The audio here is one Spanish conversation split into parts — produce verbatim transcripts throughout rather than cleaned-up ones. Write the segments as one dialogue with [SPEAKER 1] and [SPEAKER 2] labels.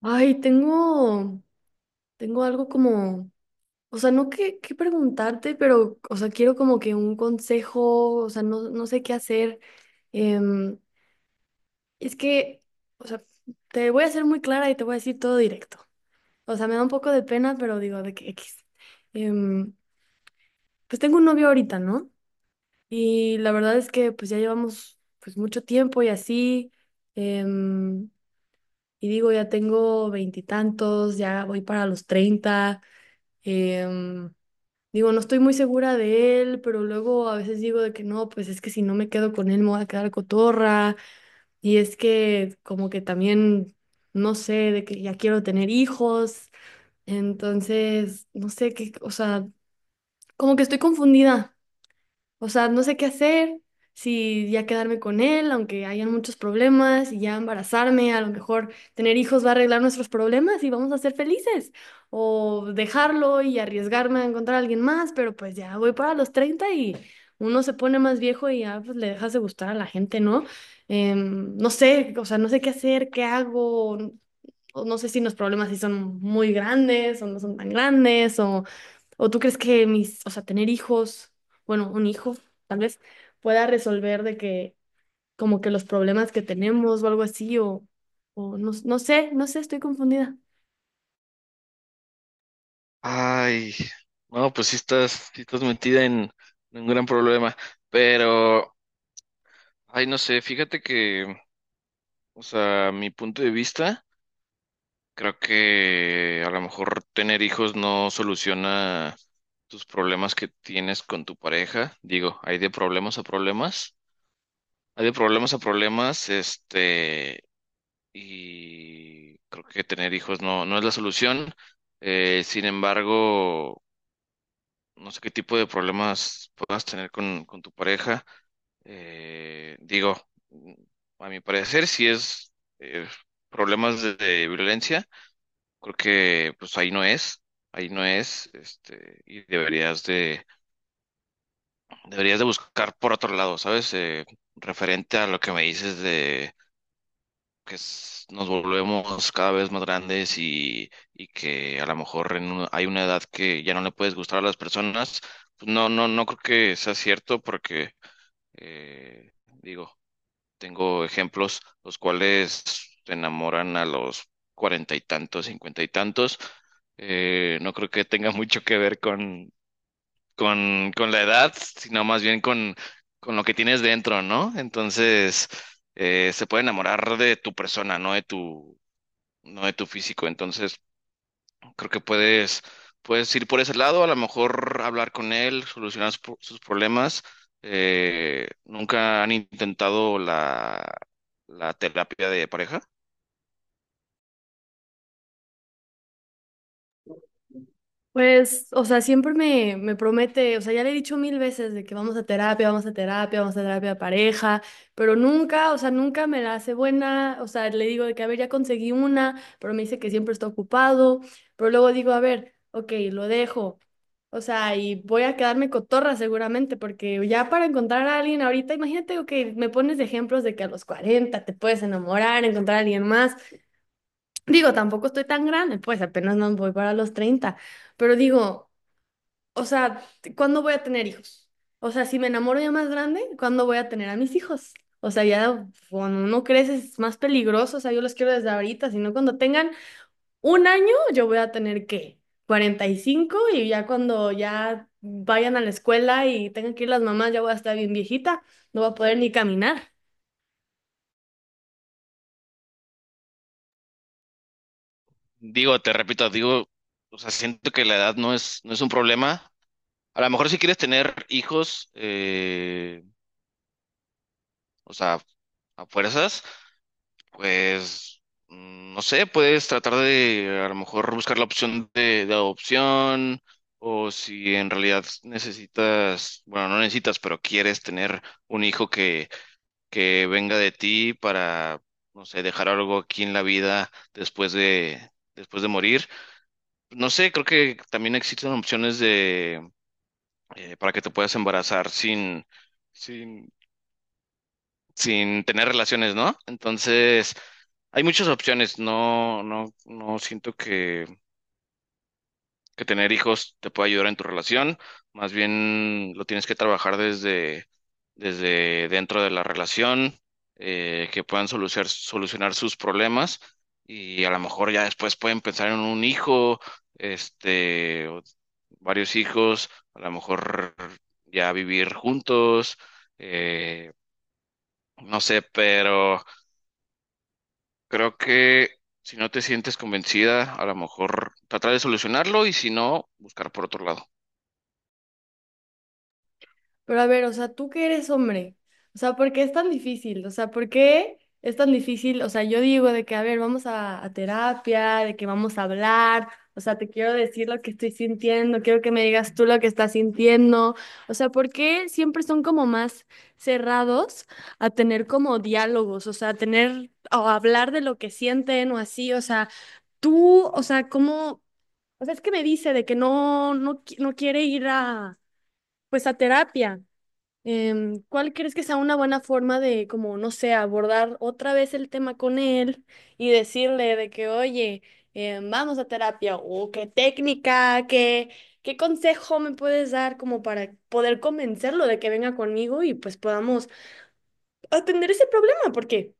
[SPEAKER 1] Ay, tengo, tengo algo como, o sea, no que, que preguntarte, pero, o sea, quiero como que un consejo, o sea, no, no sé qué hacer. Em, es que, o sea, te voy a ser muy clara y te voy a decir todo directo. O sea, me da un poco de pena, pero digo, de que X. Em, pues tengo un novio ahorita, ¿no? Y la verdad es que pues ya llevamos pues mucho tiempo y así. em, y digo, ya tengo veintitantos, ya voy para los treinta. Em, Digo, no estoy muy segura de él, pero luego a veces digo de que no, pues es que si no me quedo con él me voy a quedar cotorra. Y es que como que también, no sé, de que ya quiero tener hijos. Entonces, no sé qué, o sea, como que estoy confundida. O sea, no sé qué hacer, si ya quedarme con él, aunque hayan muchos problemas, y ya embarazarme, a lo mejor tener hijos va a arreglar nuestros problemas y vamos a ser felices, o dejarlo y arriesgarme a encontrar a alguien más, pero pues ya voy para los treinta y uno se pone más viejo y ya pues le dejas de gustar a la gente, ¿no? Em, no sé, o sea, no sé qué hacer, qué hago, o No sé si los problemas sí son muy grandes o no son tan grandes. ¿O tú crees que mis, o sea, tener hijos, bueno, un hijo, tal vez pueda resolver de que como que los problemas que tenemos o algo así, o, o no, no sé, no sé, estoy confundida?
[SPEAKER 2] Ay, no, pues sí estás, sí estás metida en, en un gran problema, pero, ay, no sé, fíjate que, o sea, mi punto de vista, creo que a lo mejor tener hijos no soluciona tus problemas que tienes con tu pareja. Digo, hay de problemas a problemas, hay de problemas a problemas, este, y creo que tener hijos no, no es la solución. Eh, sin embargo, no sé qué tipo de problemas puedas tener con, con tu pareja. Eh, digo, mm, a mi parecer, si es eh, problemas de, de violencia, creo que pues ahí no es, ahí no es, este, y deberías de, deberías de buscar por otro lado, ¿sabes? Eh, referente a lo que me dices que s- nos volvemos cada vez más grandes y, y que a lo mejor en un- hay una edad que ya no le puedes gustar a las personas, pues no, no, no creo que sea cierto porque, eh, digo, tengo ejemplos los cuales se enamoran a los cuarenta y tantos, cincuenta y tantos. Eh, no creo que tenga mucho que ver con, con, con la edad, sino más bien con, con lo que tienes dentro, ¿no? Entonces, eh, se puede enamorar de tu persona, no de tu, no de tu físico. Entonces, creo que puedes, puedes ir por ese lado, a lo mejor hablar con él, solucionar sus, sus problemas. Eh, ¿nunca han intentado la, la terapia de pareja?
[SPEAKER 1] Pues, o sea, siempre me, me promete, o sea, ya le he dicho mil veces de que vamos a terapia, vamos a terapia, vamos a terapia de pareja, pero nunca, o sea, nunca me la hace buena, o sea, le digo de que, a ver, ya conseguí una, pero me dice que siempre está ocupado, pero luego digo, a ver, ok, lo dejo, o sea, y voy a quedarme cotorra seguramente, porque ya para encontrar a alguien ahorita, imagínate, ok, me pones de ejemplos de que a los cuarenta te puedes enamorar, encontrar a alguien más, digo, tampoco estoy tan grande, pues apenas no voy para los treinta, pero digo... O sea, ¿cuándo voy a tener hijos? O sea, si me enamoro ya más grande, ¿cuándo voy a tener a mis hijos? O sea, ya cuando uno crece es más peligroso. O sea, yo los quiero desde ahorita, sino cuando tengan un año, yo voy a tener ¿qué? cuarenta y cinco, y ya cuando ya vayan a la escuela y tengan que ir las mamás, ya voy a estar bien viejita, no voy a poder ni caminar.
[SPEAKER 2] Digo, te repito, digo, o sea, siento que la edad no es, no es un problema. A lo mejor si quieres tener hijos, eh, o sea, a fuerzas. Pues, mm, no sé, puedes tratar de a lo mejor buscar la opción de, de adopción. O si en realidad necesitas, bueno, no necesitas, pero quieres tener un hijo que, que venga de ti para, no sé, dejar algo aquí en la vida después de, después de morir. No sé, creo que también existen opciones de, eh, para que te puedas embarazar sin... sin sin tener relaciones, ¿no? Entonces, hay muchas opciones. No, no, no siento que, que tener hijos te pueda ayudar en tu relación. Más bien lo tienes que trabajar desde, desde dentro de la relación, eh, que puedan solucionar, solucionar sus problemas y a lo mejor ya después pueden pensar en un hijo, este, o varios hijos, a lo mejor ya vivir juntos, eh, no sé, pero, creo que si no te sientes convencida, a lo mejor tratar de solucionarlo y si no, buscar por otro lado.
[SPEAKER 1] Pero a ver, o sea, tú que eres hombre, o sea, ¿por qué es tan difícil? O sea, ¿por qué es tan difícil? O sea, yo digo de que, a ver, vamos a, a terapia, de que vamos a hablar, o sea, te quiero decir lo que estoy sintiendo, quiero que me digas tú lo que estás sintiendo. O sea, ¿por qué siempre son como más cerrados a tener como diálogos, o sea, a tener o a hablar de lo que sienten o así? O sea, tú, o sea, ¿cómo? O sea, es que me dice de que no, no, qui- no quiere ir a, pues a terapia. Em, ¿cuál crees que sea una buena forma de, como, no sé, abordar otra vez el tema con él y decirle de que, oye, em, vamos a terapia o qué técnica, qué, qué consejo me puedes dar como para poder convencerlo de que venga conmigo y pues podamos atender ese problema? Porque...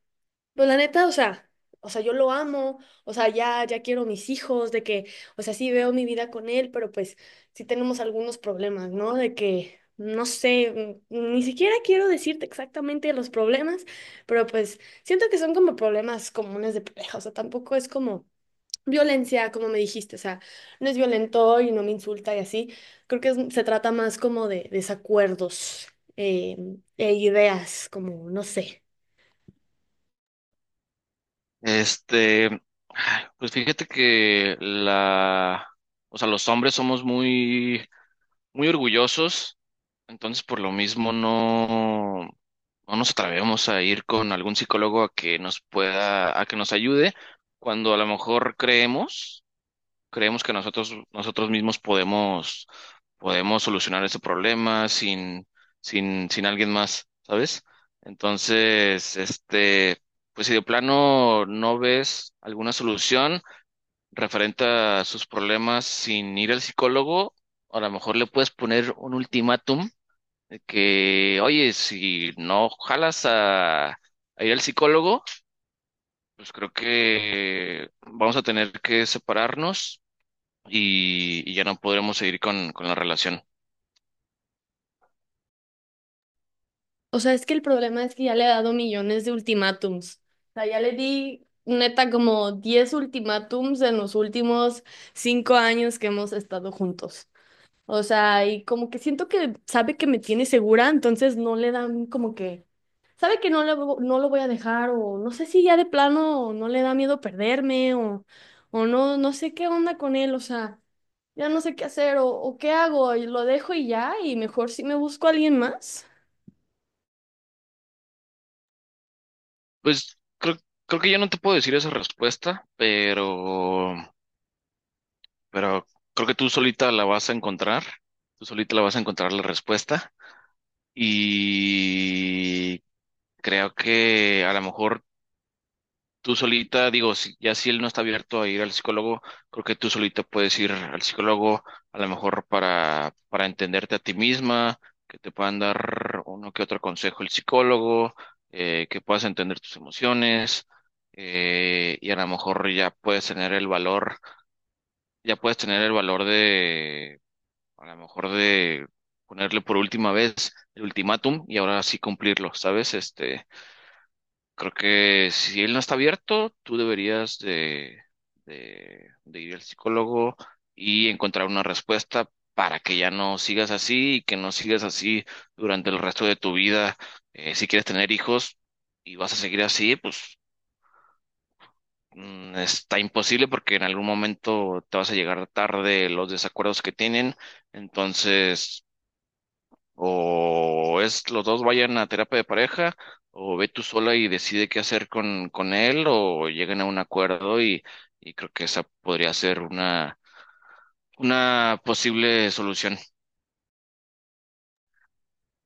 [SPEAKER 1] Pues la neta, o sea, o sea, yo lo amo, o sea, ya, ya quiero mis hijos, de que, o sea, sí veo mi vida con él, pero pues sí tenemos algunos problemas, ¿no? De que, no sé, mm, ni siquiera quiero decirte exactamente los problemas, pero pues siento que son como problemas comunes de pareja, o sea, tampoco es como violencia, como me dijiste, o sea, no es violento y no me insulta y así, creo que es- se trata más como de desacuerdos eh, e ideas, como, no sé.
[SPEAKER 2] Este, pues fíjate que la, o sea, los hombres somos muy, muy orgullosos, entonces por lo mismo no, no nos atrevemos a ir con algún psicólogo a que nos pueda, a que nos ayude cuando a lo mejor creemos. creemos que nosotros, nosotros mismos podemos, podemos solucionar ese problema sin, sin, sin alguien más, ¿sabes? Entonces, este, pues si de plano no ves alguna solución referente a sus problemas sin ir al psicólogo, a lo mejor le puedes poner un ultimátum de que, oye, si no jalas a, a ir al psicólogo, pues creo que vamos a tener que separarnos y, y ya no podremos seguir con, con la relación.
[SPEAKER 1] O sea, es que el problema es que ya le he dado millones de ultimátums. O sea, ya le di neta como diez ultimátums en los últimos cinco años que hemos estado juntos. O sea, y como que siento que sabe que me tiene segura, entonces no le dan como que... Sabe que no, le, vo- no lo voy a dejar o no sé si ya de plano no le da miedo perderme o, o no, no sé qué onda con él. O sea, ya no sé qué hacer o, o qué hago, y lo dejo y ya y mejor si me busco a alguien más.
[SPEAKER 2] Pues creo, creo que yo no te puedo decir esa respuesta, pero, pero creo que tú solita la vas a encontrar, tú solita la vas a encontrar la respuesta y creo que a lo mejor tú solita, digo, si- ya si él no está abierto a ir al psicólogo, creo que tú solita puedes ir al psicólogo, a lo mejor para, para entenderte a ti misma, que te puedan dar uno que otro consejo el psicólogo, eh, que puedas entender tus emociones, eh, y a lo mejor ya puedes tener el valor, ya puedes tener el valor de, a lo mejor de ponerle por última vez el ultimátum y ahora sí cumplirlo, ¿sabes? Este, Creo que si él no está abierto, tú deberías de, de, de ir al psicólogo y encontrar una respuesta para que ya no sigas así y que no sigas así durante el resto de tu vida. Eh, si quieres tener hijos y vas a seguir así, pues mm, está imposible porque en algún momento te vas a llegar tarde los desacuerdos que tienen. Entonces o es los dos vayan a terapia de pareja, o ve tú sola y decide qué hacer con, con él, o lleguen a un acuerdo y, y creo que esa podría ser una, una posible solución.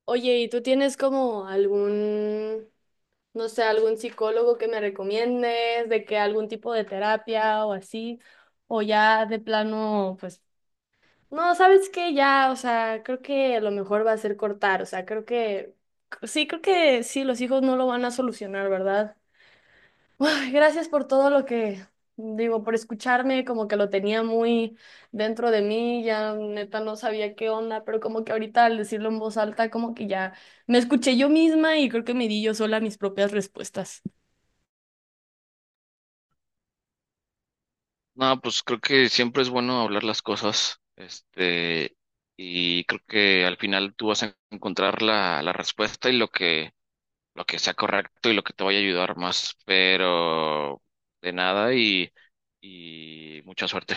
[SPEAKER 1] Oye, ¿y tú tienes como algún, no sé, algún psicólogo que me recomiendes, de que algún tipo de terapia o así? O ya de plano, pues, no, ¿sabes qué? Ya, o sea, creo que lo mejor va a ser cortar, o sea, creo que, sí, creo que sí, los hijos no lo van a solucionar, ¿verdad? Ay, gracias por todo lo que, digo, por escucharme, como que lo tenía muy dentro de mí, ya neta no sabía qué onda, pero como que ahorita al decirlo en voz alta, como que ya me escuché yo misma y creo que me di yo sola mis propias respuestas.
[SPEAKER 2] No, pues creo que siempre es bueno hablar las cosas, este, y creo que al final tú vas a encontrar la, la respuesta y lo que, lo que sea correcto y lo que te vaya a ayudar más, pero de nada y, y mucha suerte.